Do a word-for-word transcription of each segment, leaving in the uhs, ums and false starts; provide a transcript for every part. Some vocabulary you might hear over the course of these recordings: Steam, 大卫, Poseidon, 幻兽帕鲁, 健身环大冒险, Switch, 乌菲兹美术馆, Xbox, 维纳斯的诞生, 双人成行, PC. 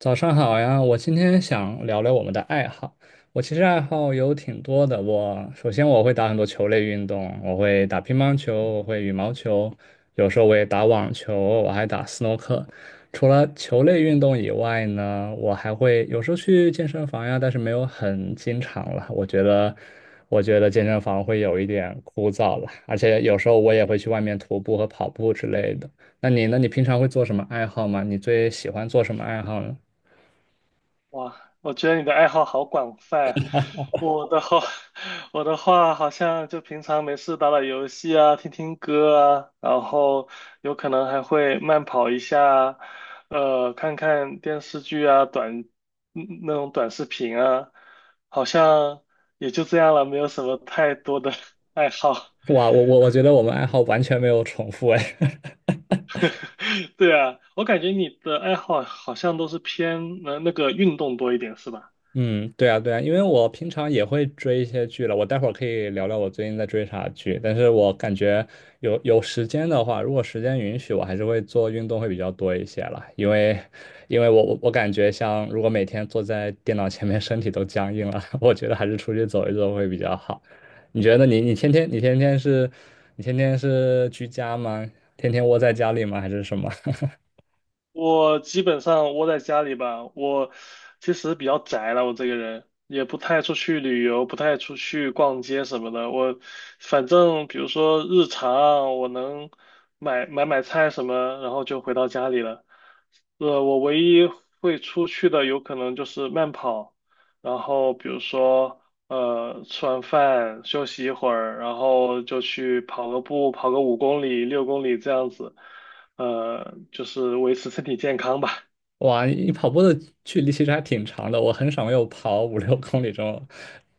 早上好呀，我今天想聊聊我们的爱好。我其实爱好有挺多的，我首先我会打很多球类运动，我会打乒乓球，我会羽毛球，有时候我也打网球，我还打斯诺克。除了球类运动以外呢，我还会有时候去健身房呀，但是没有很经常了。我觉得，我觉得健身房会有一点枯燥了，而且有时候我也会去外面徒步和跑步之类的。那你呢？你平常会做什么爱好吗？你最喜欢做什么爱好呢？哇，我觉得你的爱好好广泛啊。我的话，我的话好像就平常没事打打游戏啊，听听歌啊，然后有可能还会慢跑一下啊，呃，看看电视剧啊，短，嗯那种短视频啊，好像也就这样了，没有什么太多的 爱好。哇，我我我觉得我们爱好完全没有重复哎。对啊，我感觉你的爱好好像都是偏呃那个运动多一点，是吧？嗯，对啊，对啊，因为我平常也会追一些剧了，我待会儿可以聊聊我最近在追啥剧。但是我感觉有有时间的话，如果时间允许，我还是会做运动会比较多一些了，因为因为我我我感觉像如果每天坐在电脑前面，身体都僵硬了，我觉得还是出去走一走会比较好。你觉得你你天天你天天是你天天是居家吗？天天窝在家里吗？还是什么？我基本上窝在家里吧，我其实比较宅了，我这个人也不太出去旅游，不太出去逛街什么的。我反正比如说日常，我能买买买菜什么，然后就回到家里了。呃，我唯一会出去的有可能就是慢跑，然后比如说，呃，吃完饭休息一会儿，然后就去跑个步，跑个五公里、六公里这样子，呃，就是维持身体健康吧。哇，你跑步的距离其实还挺长的，我很少有跑五六公里这么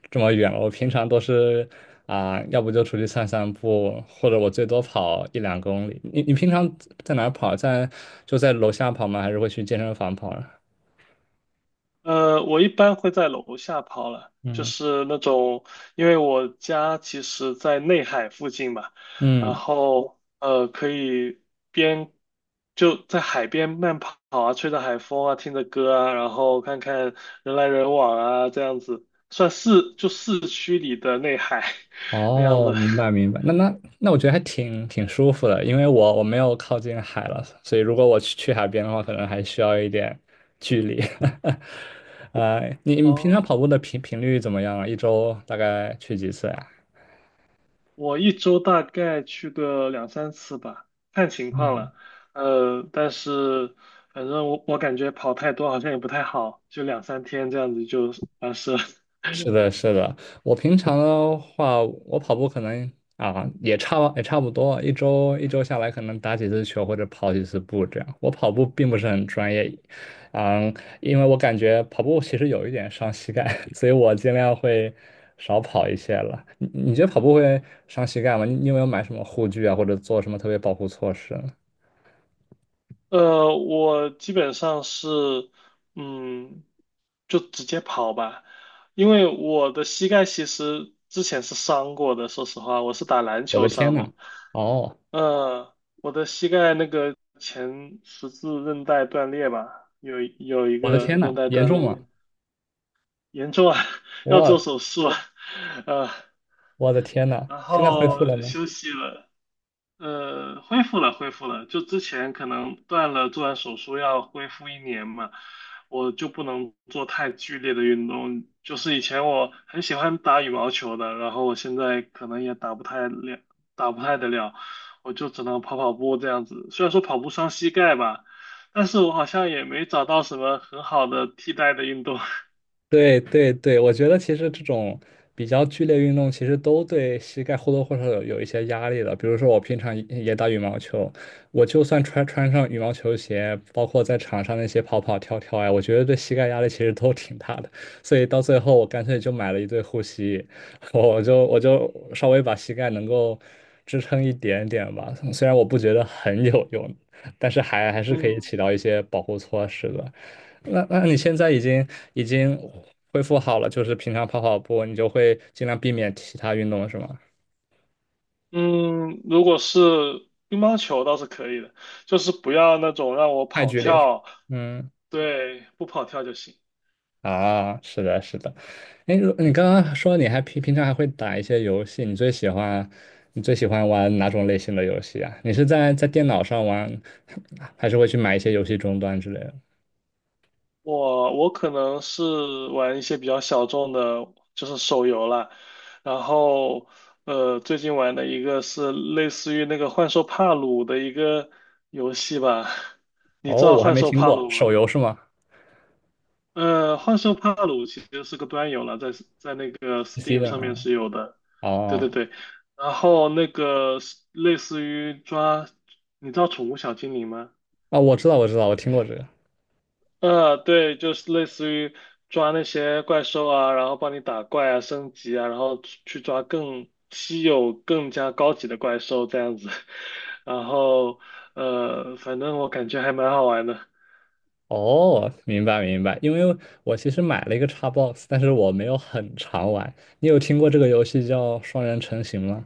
这么远了。我平常都是啊、要不就出去散散步，或者我最多跑一两公里。你你平常在哪儿跑？在就在楼下跑吗？还是会去健身房跑啊？呃，我一般会在楼下跑了，就嗯是那种，因为我家其实在内海附近嘛，然嗯。后呃，可以边就在海边慢跑啊，吹着海风啊，听着歌啊，然后看看人来人往啊，这样子算市就市区里的内海 那样哦，子。明白明白，那那那我觉得还挺挺舒服的，因为我我没有靠近海了，所以如果我去去海边的话，可能还需要一点距离。呃，你你平常哦，跑步的频频率怎么样啊？一周大概去几次呀？我一周大概去个两三次吧，看情况嗯。了。呃，但是反正我我感觉跑太多好像也不太好，就两三天这样子就完事了。是的，是的，我平常的话，我跑步可能啊也差也差不多，一周一周下来可能打几次球或者跑几次步这样。我跑步并不是很专业，嗯，因为我感觉跑步其实有一点伤膝盖，所以我尽量会少跑一些了。你你觉得跑步会伤膝盖吗？你你有没有买什么护具啊，或者做什么特别保护措施呢？呃，我基本上是，嗯，就直接跑吧，因为我的膝盖其实之前是伤过的，说实话，我是打篮我的球天伤呐！的，哦，呃，我的膝盖那个前十字韧带断裂吧，有有一我的个天韧呐，带严断重裂，吗？严重啊，要做我手术啊，呃，我的天呐，然现在恢后复了吗？休息了，呃，恢复了，恢复了。就之前可能断了，做完手术要恢复一年嘛，我就不能做太剧烈的运动。就是以前我很喜欢打羽毛球的，然后我现在可能也打不太了，打不太得了，我就只能跑跑步这样子。虽然说跑步伤膝盖吧，但是我好像也没找到什么很好的替代的运动。对对对，我觉得其实这种比较剧烈运动，其实都对膝盖或多或少有有一些压力的。比如说，我平常也也打羽毛球，我就算穿穿上羽毛球鞋，包括在场上那些跑跑跳跳呀，我觉得对膝盖压力其实都挺大的。所以到最后，我干脆就买了一对护膝，我就我就稍微把膝盖能够支撑一点点吧。虽然我不觉得很有用，但是还还 是可以起嗯。到一些保护措施的。那那你现在已经已经恢复好了，就是平常跑跑步，你就会尽量避免其他运动是吗？嗯，如果是乒乓球倒是可以的，就是不要那种让我太跑剧烈是吗？跳，嗯对，不跑跳就行。啊，是的，是的。哎，如你刚刚说你还平平常还会打一些游戏，你最喜欢你最喜欢玩哪种类型的游戏啊？你是在在电脑上玩，还是会去买一些游戏终端之类的？我我可能是玩一些比较小众的，就是手游啦。然后呃，最近玩的一个是类似于那个幻兽帕鲁的一个游戏吧，你知哦，道我还幻没兽听帕过，鲁吗？手游是吗呃，幻兽帕鲁其实是个端游了，在在那个 ？P C Steam 的上面啊，是有的，对对哦对。然后那个是类似于抓，你知道宠物小精灵吗？啊，我知道，我知道，我听过这个。呃，对，就是类似于抓那些怪兽啊，然后帮你打怪啊、升级啊，然后去去抓更稀有、更加高级的怪兽这样子。然后呃，反正我感觉还蛮好玩的。哦，明白明白，因为我其实买了一个 Xbox，但是我没有很常玩。你有听过这个游戏叫《双人成行》吗？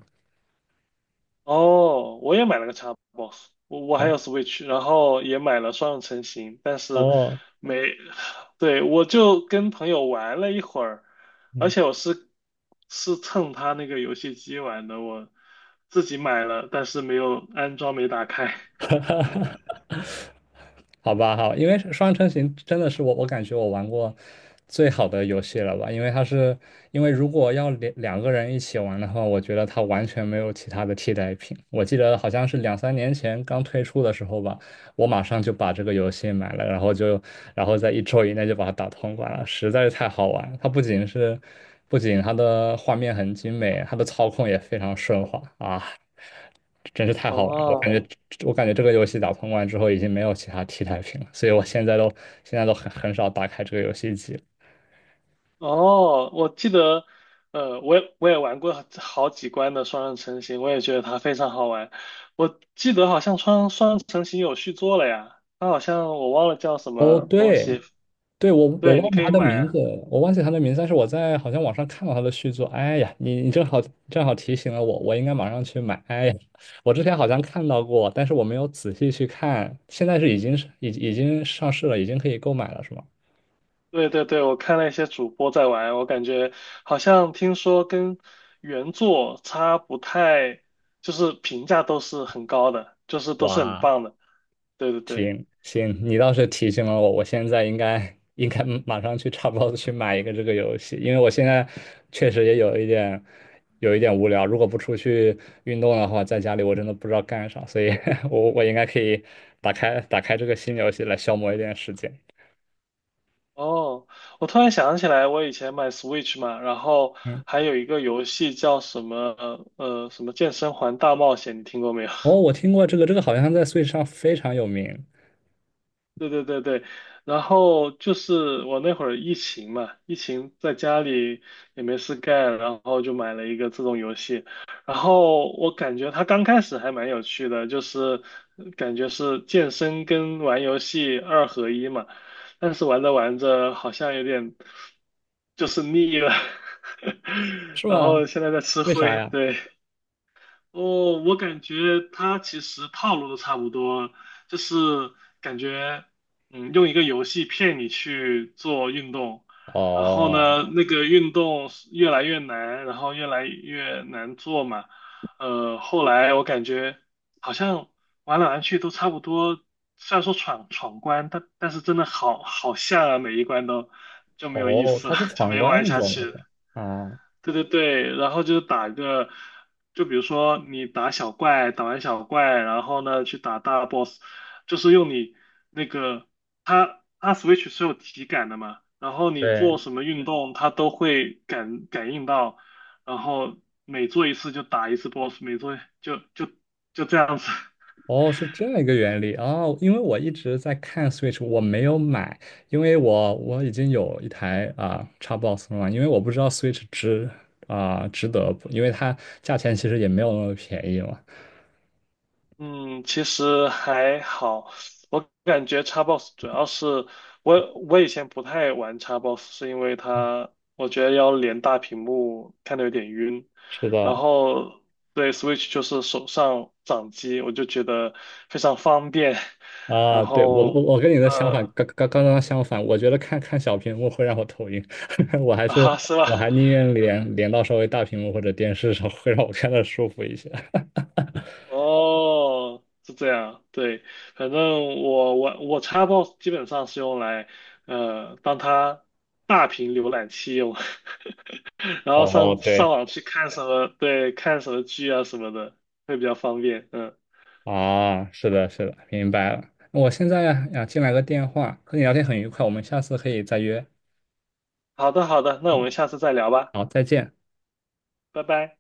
哦，我也买了个 Xbox,我我还啊，有 Switch,然后也买了双人成行，但是哦，没，对，我就跟朋友玩了一会儿，而嗯，且我是是蹭他那个游戏机玩的，我自己买了，但是没有安装，没打开。好吧，好，因为是双人成行》真的是我，我感觉我玩过最好的游戏了吧，因为它是，因为如果要两两个人一起玩的话，我觉得它完全没有其他的替代品。我记得好像是两三年前刚推出的时候吧，我马上就把这个游戏买了，然后就，然后在一周以内就把它打通关了，实在是太好玩了它不仅是，不仅它的画面很精美，它的操控也非常顺滑啊，真是太好玩了。我感哦。觉，我感觉这个游戏打通关之后已经没有其他替代品了，所以我现在都现在都很很少打开这个游戏机了。哦，我记得，呃，我也我也玩过好几关的双人成行，我也觉得它非常好玩。我记得好像双双人成行有续作了呀，它好像我忘了叫什哦，么东对，西。对，我我对，忘你记可以他的买名啊。字，我忘记他的名字，但是我在好像网上看到他的续作。哎呀，你你正好正好提醒了我，我应该马上去买。哎呀，我之前好像看到过，但是我没有仔细去看。现在是已经是已已经上市了，已经可以购买了，是吗？对对对，我看了一些主播在玩，我感觉好像听说跟原作差不太，就是评价都是很高的，就是都是很哇，棒的。对对对。行，你倒是提醒了我，我现在应该应该马上去差不多去买一个这个游戏，因为我现在确实也有一点有一点无聊，如果不出去运动的话，在家里我真的不知道干啥，所以 我我应该可以打开打开这个新游戏来消磨一点时间。哦，我突然想起来，我以前买 Switch 嘛，然后嗯，还有一个游戏叫什么呃什么健身环大冒险，你听过没有？哦，我听过这个，这个好像在 Switch 上非常有名，对对对对，然后就是我那会儿疫情嘛，疫情在家里也没事干，然后就买了一个这种游戏，然后我感觉它刚开始还蛮有趣的，就是呃感觉是健身跟玩游戏二合一嘛，但是玩着玩着好像有点就是腻了，是然吗？后现在在吃为啥灰，呀？对。哦，我感觉它其实套路都差不多，就是感觉，嗯，用一个游戏骗你去做运动，然后哦呢，那个运动是越来越难，然后越来越难做嘛，呃，后来我感觉好像玩来玩去都差不多，虽然说闯闯关，但但是真的好好像啊，每一关都就没有意哦，思它了，是就闯没关玩那下种游去戏了。啊。对对对，然后就是打一个，就比如说你打小怪，打完小怪，然后呢去打大 boss,就是用你那个它它 Switch 是有体感的嘛，然后你对，做什么运动，它都会感感应到，然后每做一次就打一次 boss,每做就就就这样子。哦，是这样一个原理哦，因为我一直在看 Switch，我没有买，因为我我已经有一台啊、Xbox 了嘛，因为我不知道 Switch 值啊、值得不，因为它价钱其实也没有那么便宜嘛。嗯，其实还好，我感觉 Xbox 主要是我我以前不太玩 Xbox,是因为它我觉得要连大屏幕看的有点晕，是然的，后对 Switch 就是手上掌机，我就觉得非常方便，然啊、对，我我后我跟你的想法呃刚刚刚刚相反，我觉得看看小屏幕会让我头晕，我还是啊是吧？我还宁愿连连到稍微大屏幕或者电视上，会让我看的舒服一些。哦，是这样，对，反正我我我 Xbox 基本上是用来呃当它大屏浏览器用。然后哦，上上对，网去看什么，对，看什么剧啊什么的，会比较方便。嗯，啊，是的，是的，明白了。我现在呀，进来个电话，和你聊天很愉快，我们下次可以再约。好的好的，那我们下次再聊吧，好，再见。拜拜。